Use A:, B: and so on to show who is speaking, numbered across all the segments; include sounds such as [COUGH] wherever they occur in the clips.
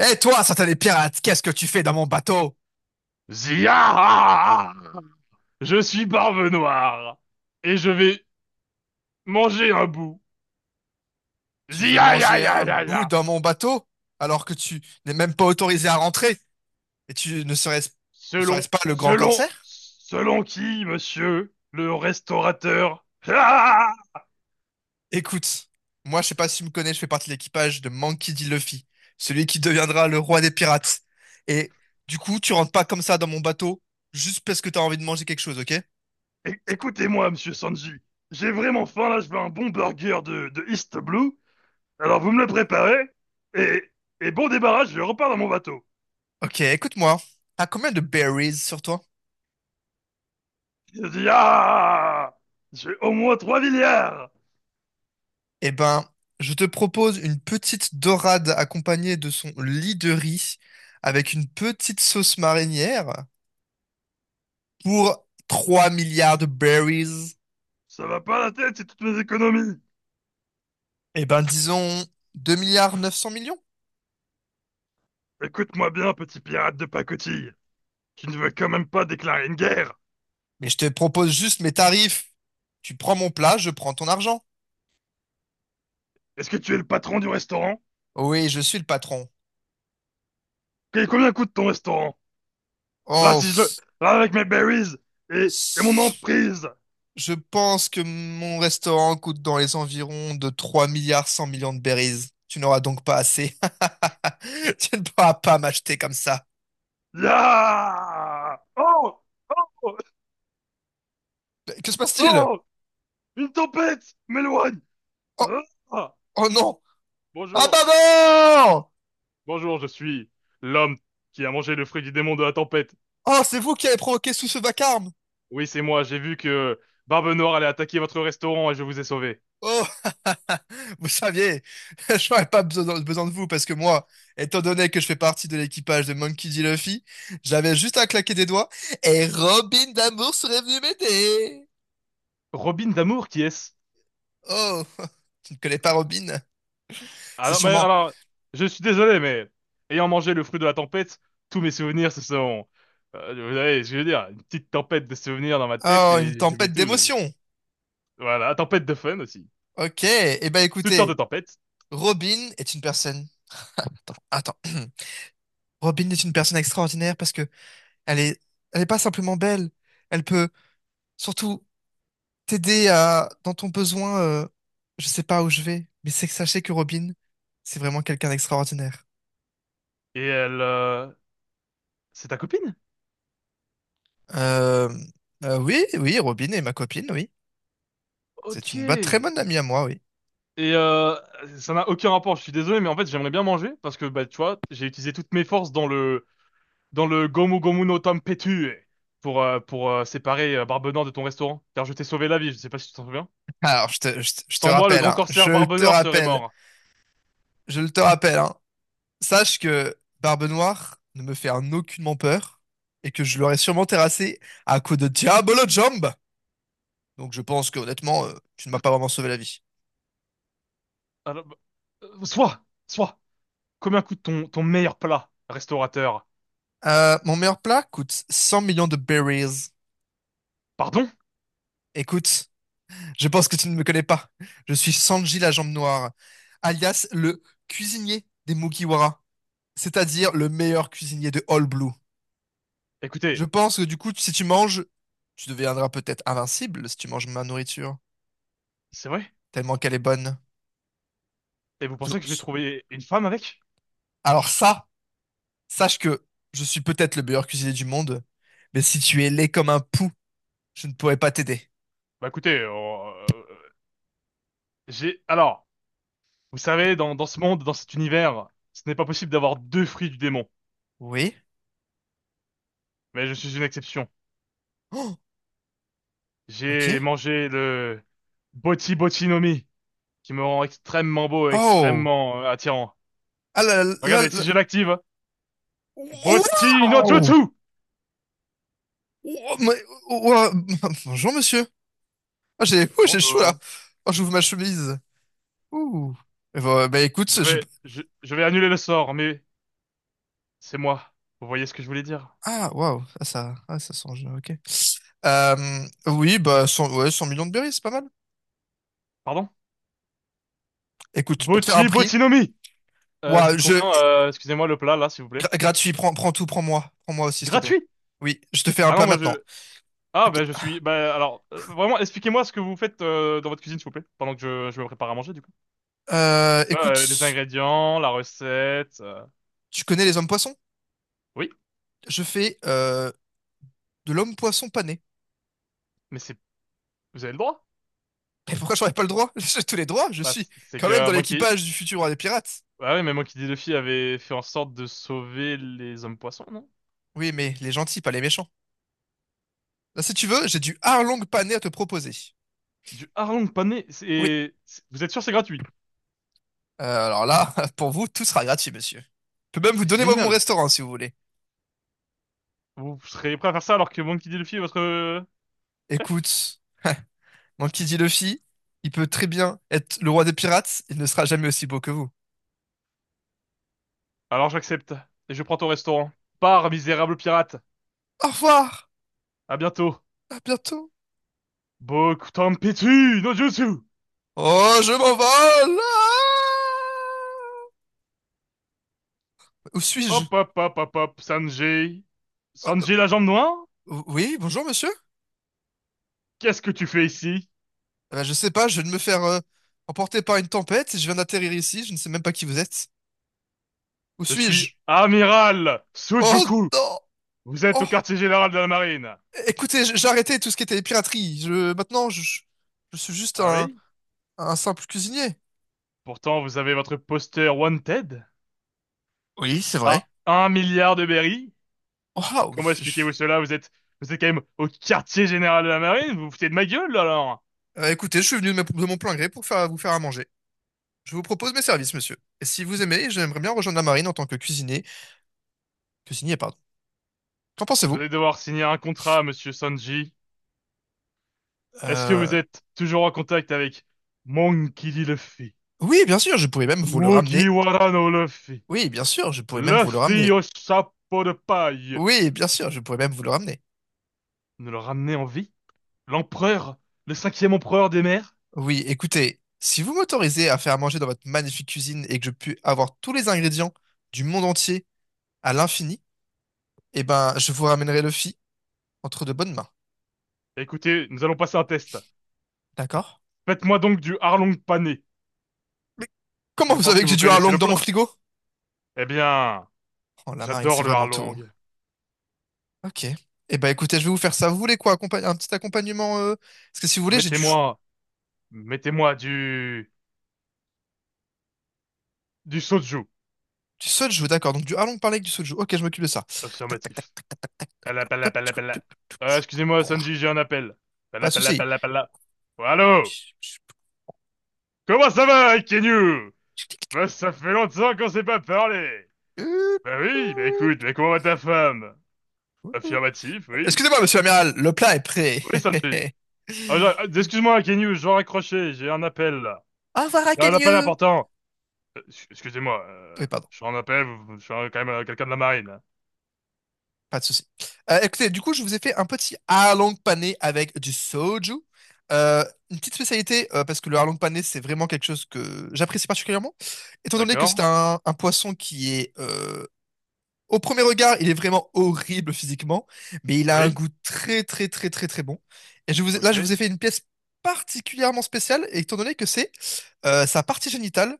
A: Eh toi, satané pirate, qu'est-ce que tu fais dans mon bateau?
B: Zia! Je suis Barbe Noire et je vais manger un bout.
A: Tu veux
B: Zia ya
A: manger
B: ya
A: un
B: ya ya.
A: bout dans mon bateau alors que tu n'es même pas autorisé à rentrer et tu ne serais-ce ne serais
B: Selon,
A: ce pas le grand
B: selon,
A: corsaire?
B: selon qui, monsieur? Le restaurateur. Ah.
A: Écoute, moi je sais pas si tu me connais, je fais partie de l'équipage de Monkey D. Luffy, celui qui deviendra le roi des pirates. Et du coup, tu rentres pas comme ça dans mon bateau juste parce que t'as envie de manger quelque chose, ok?
B: Écoutez-moi, monsieur Sanji. J'ai vraiment faim là, je veux un bon burger de East Blue. Alors vous me le préparez et, et bon débarras, je repars dans mon bateau.
A: Ok, écoute-moi. T'as combien de berries sur toi?
B: Zia! J'ai au moins 3 milliards!
A: Eh ben, je te propose une petite dorade accompagnée de son lit de riz avec une petite sauce marinière pour 3 milliards de berries.
B: Ça va pas la tête, c'est toutes mes économies.
A: Eh ben, disons 2 milliards 900 millions.
B: Écoute-moi bien, petit pirate de pacotille. Tu ne veux quand même pas déclarer une guerre?
A: Mais je te propose juste mes tarifs. Tu prends mon plat, je prends ton argent.
B: Est-ce que tu es le patron du restaurant?
A: Oui, je suis le patron.
B: Et combien coûte ton restaurant? Là,
A: Oh,
B: si je le. Là, avec mes berries et, et mon
A: s-
B: emprise.
A: je pense que mon restaurant coûte dans les environs de 3 milliards 100 millions de berries. Tu n'auras donc pas assez. [LAUGHS] Tu ne pourras pas m'acheter comme ça.
B: Ya! Oh! Oh!
A: Mais que se passe-t-il?
B: Oh! Une tempête m'éloigne!
A: Oh,
B: Ah.
A: oh non! Ah
B: Bonjour.
A: bah non!
B: Bonjour, je suis l'homme qui a mangé le fruit du démon de la tempête.
A: Oh, c'est vous qui avez provoqué tout ce vacarme!
B: Oui, c'est moi, j'ai vu que Barbe Noire allait attaquer votre restaurant et je vous ai sauvé.
A: Oh, [LAUGHS] vous saviez, [LAUGHS] je n'aurais pas besoin de vous parce que moi, étant donné que je fais partie de l'équipage de Monkey D. Luffy, j'avais juste à claquer des doigts et Robin d'amour serait venu m'aider.
B: Robin d'amour, qui est-ce?
A: Oh, [LAUGHS] tu ne connais pas Robin?
B: Ah
A: C'est
B: non, mais
A: sûrement
B: alors, je suis désolé, mais ayant mangé le fruit de la tempête, tous mes souvenirs, ce sont, vous savez ce que je veux dire, une petite tempête de souvenirs dans ma tête
A: oh, une
B: et j'oublie
A: tempête
B: tout.
A: d'émotions.
B: Voilà, tempête de fun aussi.
A: Ok, eh ben
B: Toutes sortes de
A: écoutez,
B: tempêtes.
A: Robin est une personne. Attends, attends. [CLEARS THROAT] Robin est une personne extraordinaire parce que elle est, elle est pas simplement belle. Elle peut surtout t'aider à dans ton besoin. Je sais pas où je vais, mais c'est que sachez que Robin, c'est vraiment quelqu'un d'extraordinaire.
B: Et elle, c'est ta copine?
A: Euh, oui, oui, Robin est ma copine, oui. C'est
B: Ok.
A: une bonne, très
B: Et
A: bonne amie à moi, oui.
B: euh, ça n'a aucun rapport, je suis désolé, mais en fait, j'aimerais bien manger parce que, bah, tu vois, j'ai utilisé toutes mes forces dans le, Gomu Gomu no Tempetue pour séparer Barbenant de ton restaurant, car je t'ai sauvé la vie, je sais pas si tu t'en souviens.
A: Alors, je te
B: Sans moi, le
A: rappelle,
B: grand
A: hein, je
B: corsaire
A: le
B: Barbe
A: te
B: Noire serait
A: rappelle,
B: mort.
A: je le te rappelle, hein. Sache que Barbe Noire ne me fait en aucunement peur et que je l'aurais sûrement terrassé à coups de Diabolo Jump. Donc je pense que honnêtement, tu ne m'as pas vraiment sauvé la vie.
B: Alors, soit, combien coûte ton meilleur plat, restaurateur?
A: Mon meilleur plat coûte 100 millions de berries.
B: Pardon?
A: Écoute, je pense que tu ne me connais pas. Je suis Sanji la Jambe Noire, alias le cuisinier des Mugiwara, c'est-à-dire le meilleur cuisinier de All Blue. Je
B: Écoutez,
A: pense que du coup, si tu manges, tu deviendras peut-être invincible si tu manges ma nourriture,
B: c'est vrai?
A: tellement qu'elle est bonne.
B: Et vous pensez que je vais trouver une femme avec?
A: Alors ça. Sache que je suis peut-être le meilleur cuisinier du monde, mais si tu es laid comme un pou, je ne pourrai pas t'aider.
B: Bah écoutez, j'ai... Alors, vous savez, dans ce monde, dans cet univers, ce n'est pas possible d'avoir deux fruits du démon.
A: Oui?
B: Mais je suis une exception.
A: Oh,
B: J'ai
A: ok.
B: mangé le Boti Boti no Mi, qui me rend extrêmement beau et
A: Oh!
B: extrêmement attirant.
A: Ah là là là
B: Regardez, si
A: là-
B: je l'active, Boti no
A: Waouh!
B: Jutsu!
A: Oh, mais- oh, oh, oh, [LAUGHS] bonjour, monsieur. Ah, j'ai oh, j'ai chaud là.
B: Bonjour.
A: Oh, j'ouvre ma chemise. Ouh. Eh ben, bah, écoute,
B: Je
A: je...
B: vais, je, je vais annuler le sort, mais c'est moi. Vous voyez ce que je voulais dire?
A: Ah, waouh. Ah, ça sent... Ok. Oui, bah, 100. Ouais, 100 millions de berries, c'est pas mal.
B: Pardon?
A: Écoute, je peux te faire un
B: Bochi,
A: prix.
B: Botinomi! C'est
A: Waouh,
B: combien,
A: je...
B: excusez-moi, le plat, là, s'il vous plaît?
A: Gratuit, prends, prends tout, prends-moi. Prends-moi aussi, s'il te plaît.
B: Gratuit!
A: Oui, je te fais un
B: Ah non,
A: plat
B: moi
A: maintenant.
B: je... Ah
A: Ok.
B: ben je suis... Ben alors, vraiment, expliquez-moi ce que vous faites dans votre cuisine, s'il vous plaît, pendant que je me prépare à manger, du coup. Les
A: Écoute,
B: ingrédients, la recette...
A: tu connais les hommes poissons?
B: Oui,
A: Je fais de l'homme poisson pané.
B: mais c'est... Vous avez le droit?
A: Mais pourquoi j'aurais pas le droit? [LAUGHS] J'ai tous les droits, je
B: Bah,
A: suis
B: c'est
A: quand même
B: que
A: dans
B: Monkey...
A: l'équipage du futur roi des pirates.
B: Ah oui, mais Monkey D. Luffy avait fait en sorte de sauver les hommes poissons, non?
A: Oui, mais les gentils, pas les méchants. Là, si tu veux, j'ai du harlong pané à te proposer.
B: Du hareng pané,
A: Oui.
B: c'est- Vous êtes sûr c'est gratuit?
A: Alors là, [LAUGHS] pour vous, tout sera gratuit, monsieur. Je peux même vous
B: C'est
A: donner moi mon
B: génial.
A: restaurant si vous voulez.
B: Vous serez prêt à faire ça alors que Monkey D. Luffy est votre chef?
A: Écoute, mon qui dit Luffy, il peut très bien être le roi des pirates, il ne sera jamais aussi beau que vous.
B: Alors j'accepte. Et je prends ton restaurant. Pars, misérable pirate.
A: Au revoir,
B: À bientôt.
A: à bientôt.
B: Bokutanpitsu no jutsu!
A: Oh, je m'envole. Ah, où suis-je?
B: Hop hop hop hop hop, Sanji.
A: Euh,
B: Sanji la jambe noire?
A: oui, bonjour monsieur.
B: Qu'est-ce que tu fais ici?
A: Je sais pas, je viens de me faire emporter par une tempête et je viens d'atterrir ici, je ne sais même pas qui vous êtes. Où
B: Je suis
A: suis-je?
B: amiral
A: Oh
B: Sujuku.
A: non!
B: Vous êtes au
A: Oh!
B: quartier général de la marine.
A: Écoutez, j'ai arrêté tout ce qui était piraterie. Je, maintenant, je suis juste
B: Ah oui?
A: un simple cuisinier.
B: Pourtant, vous avez votre poster Wanted
A: Oui, c'est
B: à
A: vrai.
B: 1 milliard de berries.
A: Waouh!
B: Comment expliquez-vous cela? vous êtes quand même au quartier général de la marine? Vous vous foutez de ma gueule, alors?
A: Écoutez, je suis venu de, de mon plein gré pour faire, vous faire à manger. Je vous propose mes services, monsieur. Et si vous aimez, j'aimerais bien rejoindre la marine en tant que cuisinier. Que signé, pardon. Qu'en
B: Vous
A: pensez-vous?
B: allez devoir signer un contrat, monsieur Sanji. Est-ce que vous
A: Euh,
B: êtes toujours en contact avec Monkey D. Luffy,
A: Oui, bien sûr, je pourrais même vous le ramener.
B: Mugiwara no Luffy,
A: Oui, bien sûr, je pourrais même vous le
B: Luffy
A: ramener.
B: au chapeau de paille?
A: Oui, bien sûr, je pourrais même vous le ramener.
B: Nous le ramener en vie? L'empereur? Le cinquième empereur des mers?
A: Oui, écoutez, si vous m'autorisez à faire à manger dans votre magnifique cuisine et que je puis avoir tous les ingrédients du monde entier à l'infini, eh ben, je vous ramènerai Luffy entre de bonnes mains.
B: Écoutez, nous allons passer un test.
A: D'accord?
B: Faites-moi donc du harlong pané.
A: Mais comment
B: Je
A: vous
B: pense
A: savez
B: que
A: que j'ai
B: vous
A: dû un
B: connaissez
A: long
B: le
A: dans
B: plat.
A: mon frigo?
B: Eh bien,
A: Oh, la marine, c'est
B: j'adore le
A: vraiment tout.
B: harlong.
A: Ok. Eh ben, écoutez, je vais vous faire ça. Vous voulez quoi? Un petit accompagnement? Parce que si vous voulez, j'ai du,
B: Mettez-moi, mettez-moi du soju.
A: Du soju, d'accord. Donc du harlong parlé avec du soju. Ok, je m'occupe de ça.
B: Affirmatif. Pala, pala, pala, pala. Excusez-moi,
A: Hop.
B: Sanji, j'ai un appel.
A: Pas
B: Pala,
A: de
B: pala,
A: souci.
B: pala, pala. Oh, allô? Comment ça va, Kenyu? Bah, ça fait longtemps qu'on s'est pas parlé. Bah oui, bah écoute, mais comment va ta femme? Affirmatif, oui.
A: Excusez-moi, monsieur l'amiral, le plat est prêt.
B: Oui, Sanji.
A: [LAUGHS]
B: Ah, excuse-moi, Kenyu, je dois raccrocher, j'ai un appel, là.
A: Au revoir,
B: J'ai un appel
A: Akenyu.
B: important. Euh, ex- excusez-moi,
A: Oui,
B: euh,
A: pardon,
B: je suis en appel, je suis quand même quelqu'un de la marine. Hein.
A: pas de souci. Écoutez, du coup, je vous ai fait un petit harlong pané avec du soju. Euh, une petite spécialité, parce que le harlong pané, c'est vraiment quelque chose que j'apprécie particulièrement. Étant donné que c'est
B: D'accord?
A: un poisson qui est au premier regard, il est vraiment horrible physiquement, mais il a un
B: Oui?
A: goût très très très très très bon. Et là,
B: Ok.
A: je vous ai fait une pièce particulièrement spéciale, étant donné que c'est sa partie génitale.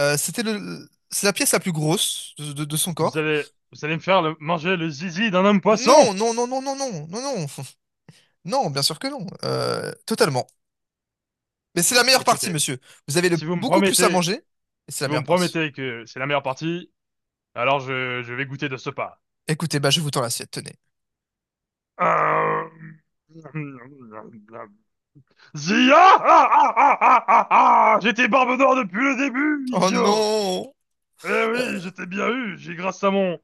A: C'était le, c'est la pièce la plus grosse de, de son
B: Vous
A: corps.
B: allez, vous allez me faire manger le zizi d'un homme poisson?
A: Non, non, non, non, non, non, non, non, [LAUGHS] non, bien sûr que non, euh, totalement. Mais c'est la meilleure partie,
B: Écoutez.
A: monsieur. Vous avez
B: Si
A: le,
B: vous me
A: beaucoup plus à
B: promettez
A: manger, et c'est la meilleure partie.
B: Que c'est la meilleure partie, alors je vais goûter de ce pas.
A: Écoutez, bah je vous tends l'assiette, tenez.
B: Euh, Zia! Ah, ah, ah, ah, ah, ah. J'étais Barbe Noire depuis le début,
A: Oh
B: idiot!
A: non!
B: Eh oui,
A: Euh,
B: j'étais bien eu, j'ai grâce à mon,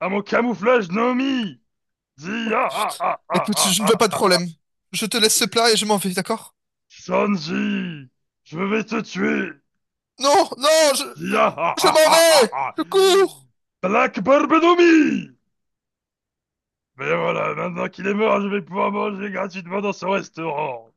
B: à mon camouflage Nomi!
A: oh
B: Zia! Ah,
A: putain.
B: ah, ah,
A: Écoute, je ne
B: ah,
A: veux pas de
B: ah.
A: problème. Je te laisse ce plat et je m'en vais, d'accord?
B: Sanji! Je vais te tuer!
A: Non, non,
B: Zia! Ah,
A: je
B: ah,
A: m'en
B: ah, ah,
A: vais!
B: ah.
A: Je cours!
B: Black Barbe Nomi! Mais voilà, maintenant qu'il est mort, je vais pouvoir manger gratuitement dans ce restaurant.